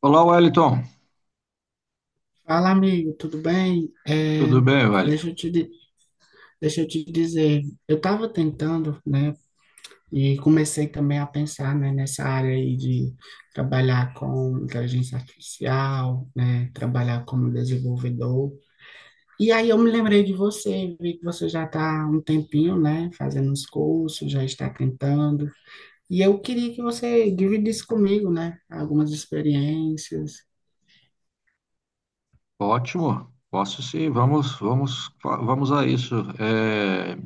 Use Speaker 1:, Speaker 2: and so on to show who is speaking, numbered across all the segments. Speaker 1: Olá, Wellington.
Speaker 2: Fala, amigo, tudo bem?
Speaker 1: Tudo bem, Wellington?
Speaker 2: Deixa eu te, di- Deixa eu te dizer, eu estava tentando, né, e comecei também a pensar, né, nessa área aí de trabalhar com inteligência artificial, né, trabalhar como desenvolvedor. E aí eu me lembrei de você, vi que você já está há um tempinho, né, fazendo os cursos, já está tentando. E eu queria que você dividisse comigo, né, algumas experiências.
Speaker 1: Ótimo. Posso sim. Vamos a isso. É,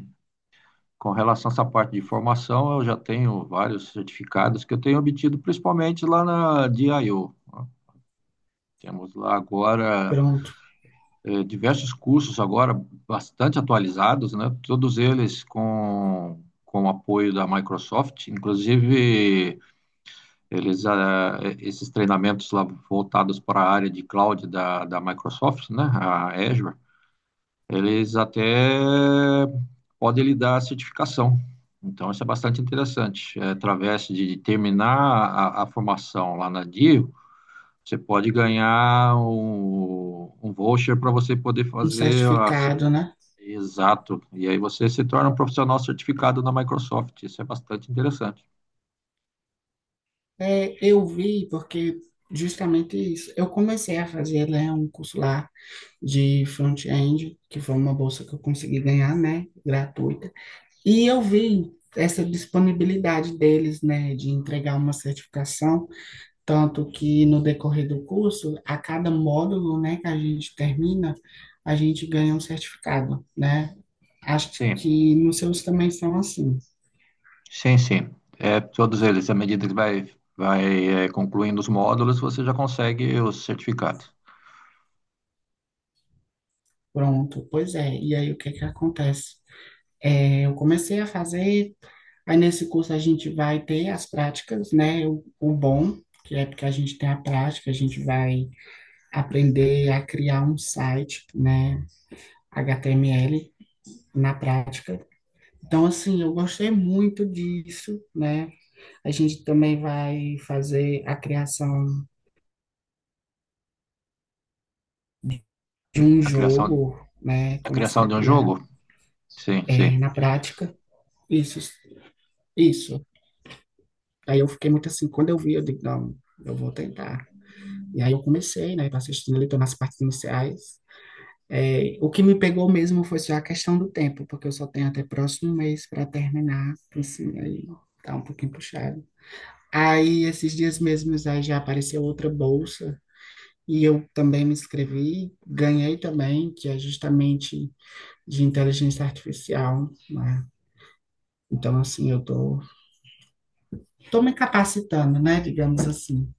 Speaker 1: com relação a essa parte de formação, eu já tenho vários certificados que eu tenho obtido, principalmente lá na DIO. Temos lá agora
Speaker 2: Pronto,
Speaker 1: diversos cursos agora bastante atualizados, né? Todos eles com o apoio da Microsoft, inclusive. Eles, esses treinamentos lá voltados para a área de cloud da Microsoft, né, a Azure, eles até podem lhe dar certificação. Então, isso é bastante interessante. É, através de terminar a formação lá na DIO, você pode ganhar um voucher para você poder
Speaker 2: um
Speaker 1: fazer a,
Speaker 2: certificado, né?
Speaker 1: exato. E aí você se torna um profissional certificado na Microsoft. Isso é bastante interessante.
Speaker 2: É, eu vi, porque justamente isso. Eu comecei a fazer, né, um curso lá de front-end, que foi uma bolsa que eu consegui ganhar, né, gratuita. E eu vi essa disponibilidade deles, né, de entregar uma certificação, tanto que no decorrer do curso, a cada módulo, né, que a gente termina, a gente ganha um certificado, né? Acho
Speaker 1: Sim.
Speaker 2: que nos seus também são assim.
Speaker 1: Sim. É, todos eles, à medida que vai concluindo os módulos, você já consegue os certificados.
Speaker 2: Pronto, pois é. E aí, o que que acontece? É, eu comecei a fazer Aí, nesse curso, a gente vai ter as práticas, né? O bom, que é porque a gente tem a prática, a gente vai aprender a criar um site, né? HTML na prática. Então, assim, eu gostei muito disso, né? A gente também vai fazer a criação de um
Speaker 1: A criação,
Speaker 2: jogo, né?
Speaker 1: a
Speaker 2: Começar
Speaker 1: criação
Speaker 2: a
Speaker 1: de um
Speaker 2: criar
Speaker 1: jogo? Sim, sim.
Speaker 2: na prática. Isso, isso. Aí eu fiquei muito assim, quando eu vi, eu digo: não, eu vou tentar. E aí eu comecei, né? Tô assistindo ali, tô nas partes iniciais. É, o que me pegou mesmo foi só a questão do tempo, porque eu só tenho até próximo mês para terminar, assim, aí tá um pouquinho puxado. Aí, esses dias mesmos, aí já apareceu outra bolsa, e eu também me inscrevi, ganhei também, que é justamente de inteligência artificial, né? Então, assim, eu tô me capacitando, né, digamos assim.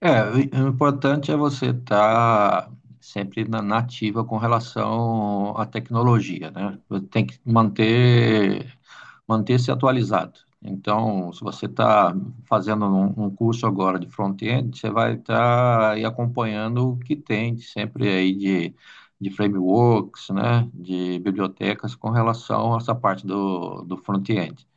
Speaker 1: É, o importante é você estar sempre na ativa com relação à tecnologia, né? Você tem que manter-se atualizado. Então, se você está fazendo um curso agora de front-end, você vai estar aí acompanhando o que tem sempre aí de frameworks, né, de bibliotecas com relação a essa parte do front-end.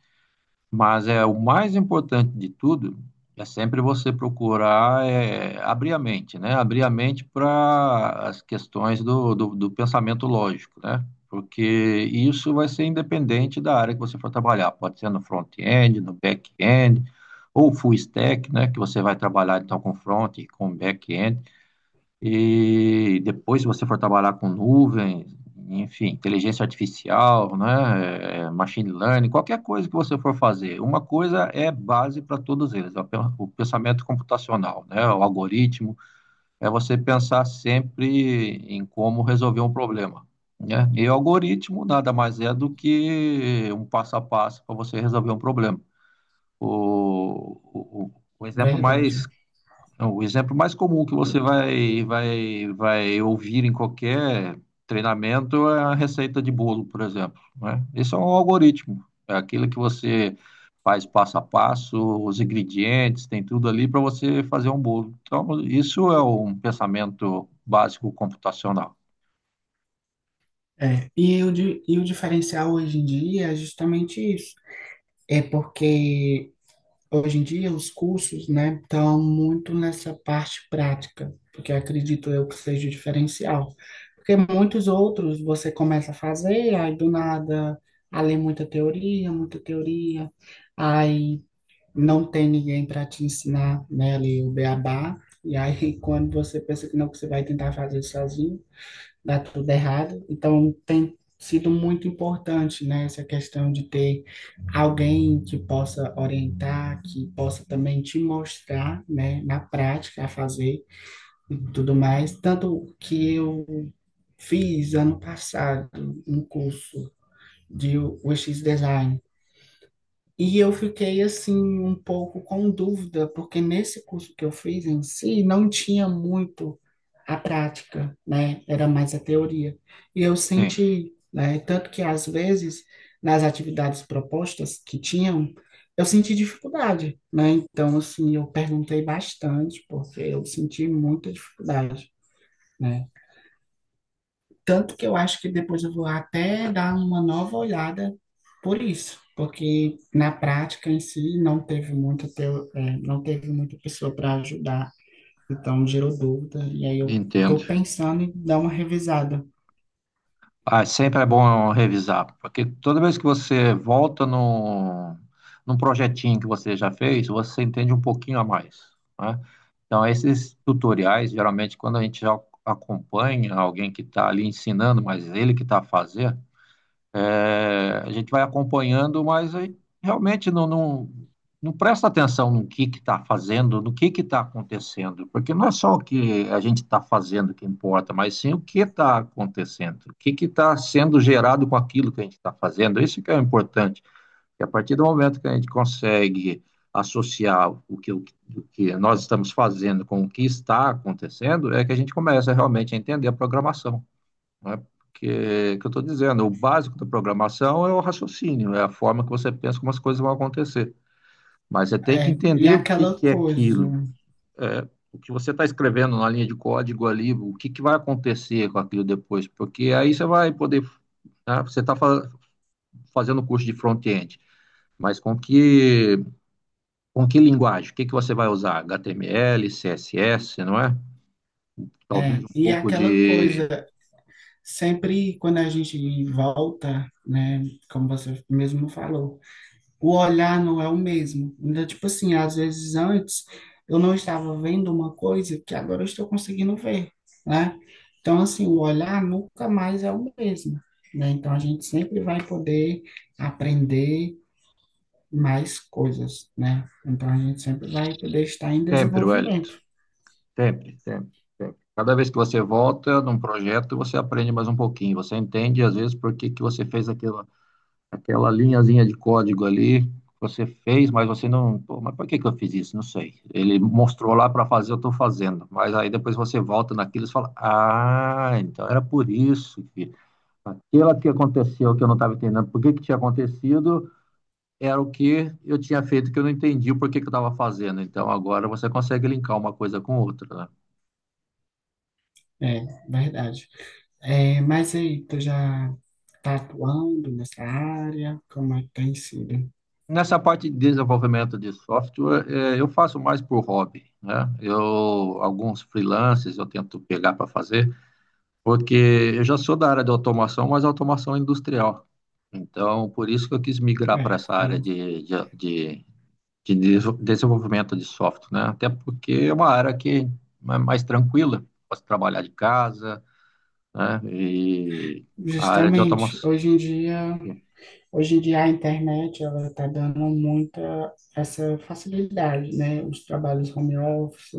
Speaker 1: Mas é o mais importante de tudo é sempre você procurar abrir a mente, né? Abrir a mente para as questões do pensamento lógico, né? Porque isso vai ser independente da área que você for trabalhar. Pode ser no front-end, no back-end, ou full stack, né? Que você vai trabalhar então com front e com back-end. E depois, se você for trabalhar com nuvem, enfim, inteligência artificial, né, machine learning, qualquer coisa que você for fazer, uma coisa é base para todos eles, é o pensamento computacional, né, o algoritmo, é você pensar sempre em como resolver um problema, né? E o algoritmo nada mais é do que um passo a passo para você resolver um problema. O exemplo
Speaker 2: Verdade.
Speaker 1: mais não, o exemplo mais comum que você vai ouvir em qualquer treinamento é a receita de bolo, por exemplo, né? Isso é um algoritmo, é aquilo que você faz passo a passo, os ingredientes, tem tudo ali para você fazer um bolo. Então, isso é um pensamento básico computacional.
Speaker 2: É, e o diferencial hoje em dia é justamente isso. É porque hoje em dia, os cursos, né, estão muito nessa parte prática, porque acredito eu que seja o diferencial. Porque muitos outros você começa a fazer, aí do nada, a ler muita teoria, aí não tem ninguém para te ensinar, né, ali o beabá, e aí quando você pensa que não, que você vai tentar fazer sozinho, dá tudo errado. Então, tem sido muito importante, né, essa questão de ter alguém que possa orientar, que possa também te mostrar, né, na prática, a fazer e tudo mais. Tanto que eu fiz ano passado um curso de UX Design. E eu fiquei assim um pouco com dúvida, porque nesse curso que eu fiz em si não tinha muito a prática, né? Era mais a teoria. E eu
Speaker 1: Sim,
Speaker 2: senti, né? Tanto que, às vezes, nas atividades propostas que tinham, eu senti dificuldade, né? Então, assim, eu perguntei bastante, porque eu senti muita dificuldade, né? Tanto que eu acho que depois eu vou até dar uma nova olhada por isso, porque na prática em si não teve muita, teo- é, não teve muita pessoa para ajudar, então gerou dúvida, e aí eu estou
Speaker 1: entendo.
Speaker 2: pensando em dar uma revisada.
Speaker 1: Ah, sempre é bom revisar, porque toda vez que você volta no, num projetinho que você já fez, você entende um pouquinho a mais, né? Então, esses tutoriais, geralmente, quando a gente já acompanha alguém que está ali ensinando, mas ele que está fazendo, a gente vai acompanhando, mas aí realmente não presta atenção no que está fazendo, no que está acontecendo, porque não é só o que a gente está fazendo que importa, mas sim o que está acontecendo, o que que está sendo gerado com aquilo que a gente está fazendo. Isso que é o importante, que a partir do momento que a gente consegue associar o que nós estamos fazendo com o que está acontecendo, é que a gente começa realmente a entender a programação, né? Porque é o que eu estou dizendo, o básico da programação é o raciocínio, é a forma que você pensa como as coisas vão acontecer. Mas você tem que
Speaker 2: É, e
Speaker 1: entender o que
Speaker 2: aquela
Speaker 1: que é
Speaker 2: coisa,
Speaker 1: aquilo, o que você está escrevendo na linha de código ali, o que que vai acontecer com aquilo depois, porque aí você vai poder, né? Você está fa fazendo curso de front-end, mas com que linguagem? O que que você vai usar? HTML, CSS, não é?
Speaker 2: é,
Speaker 1: Talvez um
Speaker 2: e
Speaker 1: pouco
Speaker 2: aquela
Speaker 1: de
Speaker 2: coisa, sempre quando a gente volta, né, como você mesmo falou, o olhar não é o mesmo. Então, tipo assim, às vezes antes eu não estava vendo uma coisa que agora eu estou conseguindo ver, né? Então, assim, o olhar nunca mais é o mesmo, né? Então, a gente sempre vai poder aprender mais coisas, né? Então, a gente sempre vai poder estar em
Speaker 1: Temperwellit.
Speaker 2: desenvolvimento,
Speaker 1: Sempre, sempre, Sempre. Cada vez que você volta num projeto, você aprende mais um pouquinho. Você entende, às vezes, por que que você fez aquela, aquela linhazinha de código ali. Você fez, mas você não. Pô, mas por que que eu fiz isso? Não sei. Ele mostrou lá para fazer, eu estou fazendo. Mas aí depois você volta naquilo e fala: ah, então era por isso que aquela que aconteceu que eu não estava entendendo, por que que tinha acontecido, era o que eu tinha feito que eu não entendi o porquê que eu estava fazendo. Então agora você consegue linkar uma coisa com outra, né?
Speaker 2: é verdade. É, mas aí, tu já tá atuando nessa área? Como é que tem sido?
Speaker 1: Nessa parte de desenvolvimento de software, eu faço mais por hobby, né? Alguns freelances eu tento pegar para fazer, porque eu já sou da área de automação, mas automação industrial. Então, por isso que eu quis migrar para
Speaker 2: É,
Speaker 1: essa área
Speaker 2: eu,
Speaker 1: desenvolvimento de software, né? Até porque é uma área que é mais tranquila, posso trabalhar de casa, né? E a área de
Speaker 2: justamente,
Speaker 1: automação.
Speaker 2: hoje em dia Hoje em dia, a internet, ela está dando muita essa facilidade, né? Os trabalhos home office,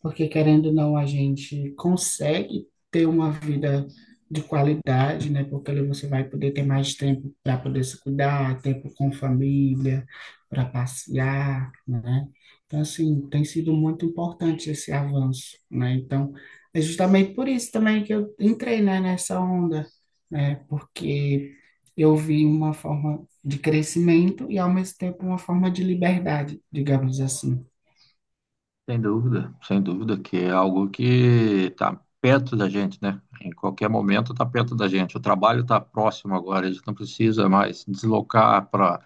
Speaker 2: porque querendo ou não, a gente consegue ter uma vida de qualidade, né? Porque ali você vai poder ter mais tempo para poder se cuidar, tempo com família, para passear, né? Então, assim, tem sido muito importante esse avanço, né? Então, é justamente por isso também que eu entrei, né, nessa onda, né? Porque eu vi uma forma de crescimento e, ao mesmo tempo, uma forma de liberdade, digamos assim.
Speaker 1: Sem dúvida, sem dúvida, que é algo que está perto da gente, né? Em qualquer momento está perto da gente. O trabalho está próximo agora, a gente não precisa mais deslocar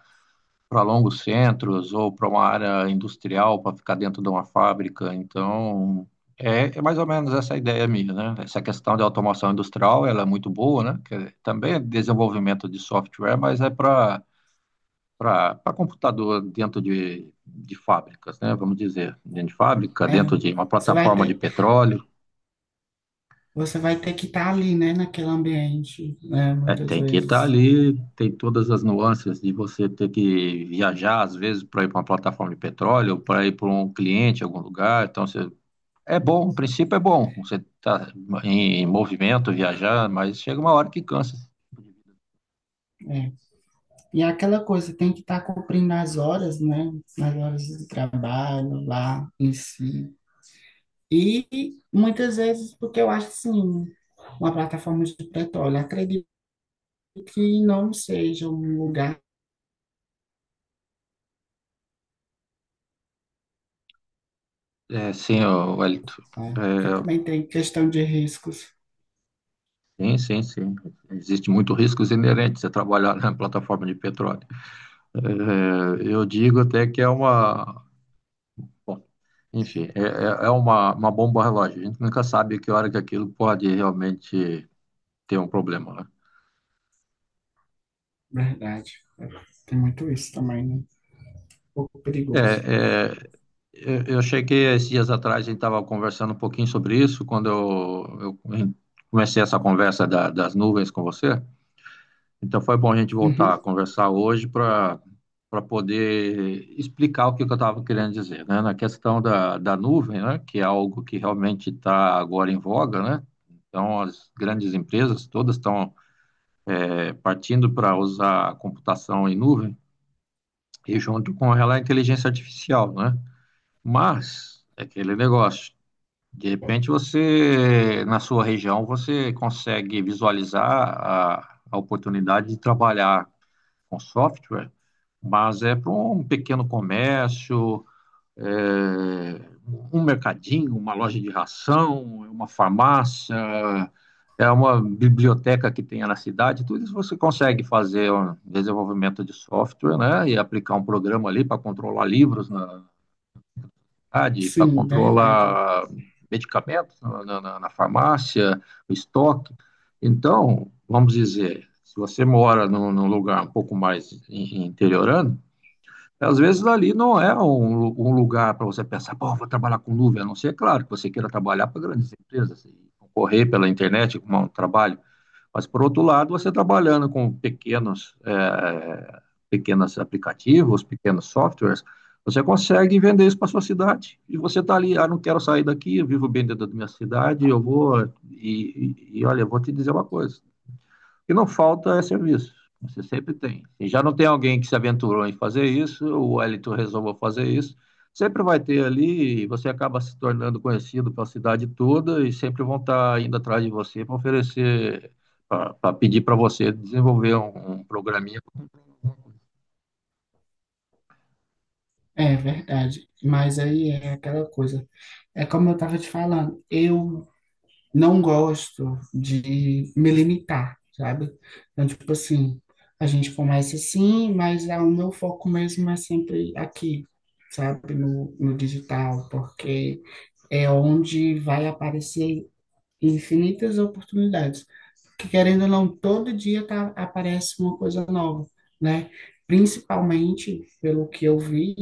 Speaker 1: para longos centros ou para uma área industrial para ficar dentro de uma fábrica. Então, é mais ou menos essa a ideia minha, né? Essa questão de automação industrial, ela é muito boa, né? Que também é desenvolvimento de software, mas é para computador dentro de fábricas, né? Vamos dizer, dentro de fábrica,
Speaker 2: É,
Speaker 1: dentro de uma
Speaker 2: você vai
Speaker 1: plataforma de
Speaker 2: ter,
Speaker 1: petróleo.
Speaker 2: você vai ter que estar ali, né, naquele ambiente, né,
Speaker 1: É,
Speaker 2: muitas
Speaker 1: tem que estar
Speaker 2: vezes.
Speaker 1: ali, tem todas as nuances de você ter que viajar, às vezes, para ir para uma plataforma de petróleo, para ir para um cliente em algum lugar. Então, você, é bom, o princípio é bom, você está em movimento, viajar, mas chega uma hora que cansa.
Speaker 2: É. E é aquela coisa, tem que estar cumprindo as horas, né, as horas de trabalho lá em si. E muitas vezes, porque eu acho assim, uma plataforma de petróleo, acredito que não seja um lugar,
Speaker 1: É, sim, ô, Wellington.
Speaker 2: né, que
Speaker 1: É,
Speaker 2: também tem questão de riscos.
Speaker 1: sim, sim, sim. Existe muito riscos inerentes a trabalhar na plataforma de petróleo. É, eu digo até que é uma. Bom, enfim, é uma bomba relógio. A gente nunca sabe que hora que aquilo pode realmente ter um problema, né?
Speaker 2: Verdade. Tem muito isso também, né? Um pouco
Speaker 1: É,
Speaker 2: perigoso.
Speaker 1: é, eu cheguei esses dias atrás, a gente estava conversando um pouquinho sobre isso, quando eu comecei essa conversa das nuvens com você. Então foi bom a gente voltar a
Speaker 2: Uhum.
Speaker 1: conversar hoje para para poder explicar o que, que eu estava querendo dizer, né? Na questão da nuvem, né? Que é algo que realmente está agora em voga, né? Então as grandes empresas todas estão partindo para usar a computação em nuvem e junto com ela a inteligência artificial, né? Mas é aquele negócio. De repente você, na sua região, você consegue visualizar a oportunidade de trabalhar com software, mas é para um pequeno comércio, é, um mercadinho, uma loja de ração, é uma farmácia, é uma biblioteca que tenha na cidade, tudo isso você consegue fazer um desenvolvimento de software, né, e aplicar um programa ali para controlar livros na cidade, para
Speaker 2: Sim, verdade.
Speaker 1: controlar medicamentos na farmácia, o estoque. Então, vamos dizer, se você mora num, num lugar um pouco mais interiorando, às vezes ali não é um, um lugar para você pensar, pô, vou trabalhar com nuvem, a não ser, claro, que você queira trabalhar para grandes empresas e concorrer pela internet com um trabalho. Mas, por outro lado, você trabalhando com pequenos, pequenos aplicativos, pequenos softwares, você consegue vender isso para sua cidade. E você está ali, ah, não quero sair daqui, eu vivo bem dentro da minha cidade, eu vou. E olha, eu vou te dizer uma coisa: que não falta é serviço. Você sempre tem. Se já não tem alguém que se aventurou em fazer isso, ou o Wellington resolveu fazer isso, sempre vai ter ali, e você acaba se tornando conhecido pela cidade toda e sempre vão estar indo atrás de você para oferecer, para pedir para você desenvolver um programinha.
Speaker 2: É verdade. Mas aí é aquela coisa. É como eu estava te falando, eu não gosto de me limitar, sabe? Então, tipo assim, a gente começa assim, mas, ah, o meu foco mesmo é sempre aqui, sabe? No digital, porque é onde vai aparecer infinitas oportunidades. Que querendo ou não, todo dia tá, aparece uma coisa nova, né? Principalmente, pelo que eu vi,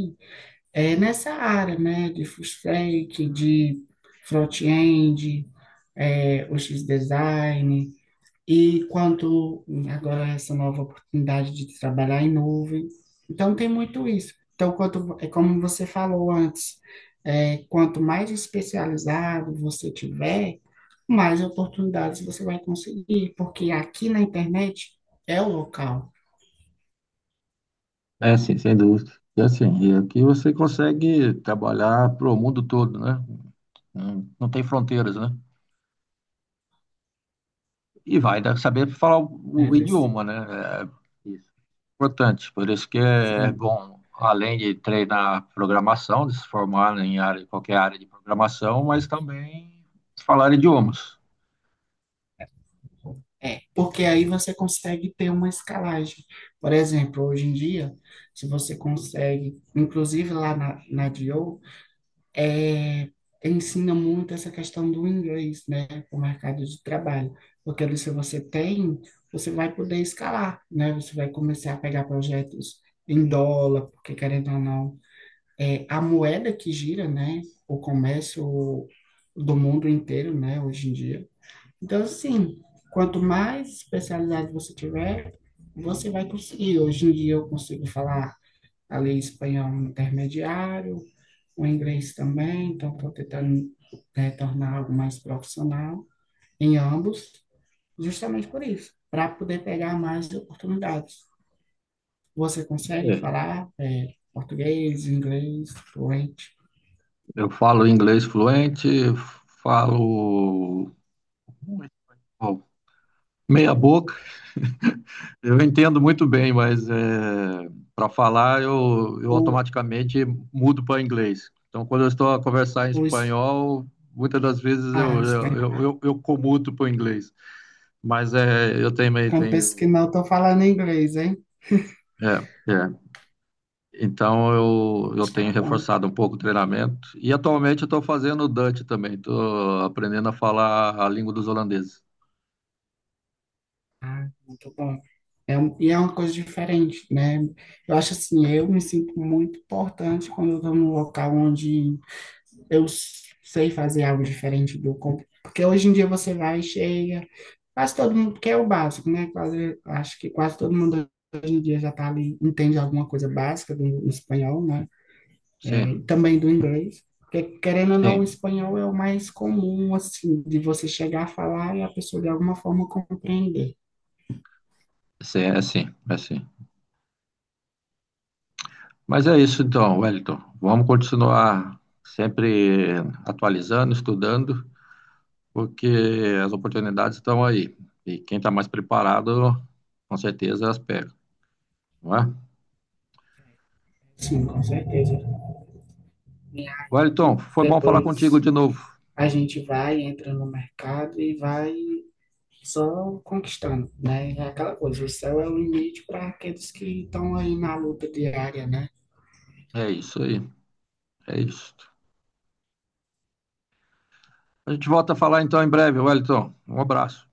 Speaker 2: é nessa área, né? De full stack, de front-end, UX design, e quanto agora essa nova oportunidade de trabalhar em nuvem. Então, tem muito isso. Então, quanto, é como você falou antes, quanto mais especializado você tiver, mais oportunidades você vai conseguir, porque aqui na internet é o local,
Speaker 1: É, sim, sem dúvida. E assim, e aqui você consegue trabalhar para o mundo todo, né? Não tem fronteiras, né? E vai ainda saber falar
Speaker 2: né,
Speaker 1: o
Speaker 2: desse,
Speaker 1: idioma, né? É isso. Importante. Por isso que é
Speaker 2: sim,
Speaker 1: bom, além de treinar programação, de se formar em área, qualquer área de programação, mas também falar idiomas.
Speaker 2: porque aí você consegue ter uma escalagem. Por exemplo, hoje em dia, se você consegue, inclusive lá na DIO, ensina muito essa questão do inglês, né, para o mercado de trabalho, porque ali se você tem, você vai poder escalar, né, você vai começar a pegar projetos em dólar, porque querendo ou não, a moeda que gira, né, o comércio do mundo inteiro, né, hoje em dia. Então, assim, quanto mais especializado você tiver, você vai conseguir. Hoje em dia eu consigo falar ali espanhol intermediário, o inglês também, então estou tentando, né, tornar algo mais profissional em ambos, justamente por isso, para poder pegar mais oportunidades. Você consegue
Speaker 1: É,
Speaker 2: falar português, inglês, fluente.
Speaker 1: eu falo inglês fluente, falo bom, meia boca. Eu entendo muito bem, mas para falar eu
Speaker 2: Ou
Speaker 1: automaticamente mudo para inglês. Então, quando eu estou a conversar em
Speaker 2: os
Speaker 1: espanhol, muitas das vezes
Speaker 2: Ah, espanhol.
Speaker 1: eu comuto para o inglês. Mas é, eu também
Speaker 2: Quando penso
Speaker 1: tenho.
Speaker 2: que não, estou falando inglês, hein?
Speaker 1: É, é. Então, eu tenho
Speaker 2: Tá bom.
Speaker 1: reforçado um pouco o treinamento. E atualmente eu estou fazendo o Dutch também. Estou aprendendo a falar a língua dos holandeses.
Speaker 2: Ah, muito bom. É, e é uma coisa diferente, né? Eu acho assim, eu me sinto muito importante quando eu estou num local onde eu sei fazer algo diferente do. Porque hoje em dia você vai e chega. Quase todo mundo, porque é o básico, né? Quase, acho que quase todo mundo hoje em dia já tá ali, entende alguma coisa básica do espanhol, né?
Speaker 1: Sim,
Speaker 2: É, também do inglês. Porque, querendo ou não, o
Speaker 1: sim.
Speaker 2: espanhol é o mais comum, assim, de você chegar a falar e a pessoa de alguma forma compreender.
Speaker 1: É sim. Mas é isso então, Wellington. Vamos continuar sempre atualizando, estudando, porque as oportunidades estão aí. E quem está mais preparado, com certeza as pega, não é?
Speaker 2: Sim, com certeza. E aí,
Speaker 1: Wellington, foi bom falar contigo
Speaker 2: depois
Speaker 1: de novo.
Speaker 2: a gente vai, entra no mercado e vai só conquistando, né? É aquela coisa, o céu é o limite para aqueles que estão aí na luta diária, né?
Speaker 1: É isso aí, é isso. A gente volta a falar então em breve, Wellington. Um abraço.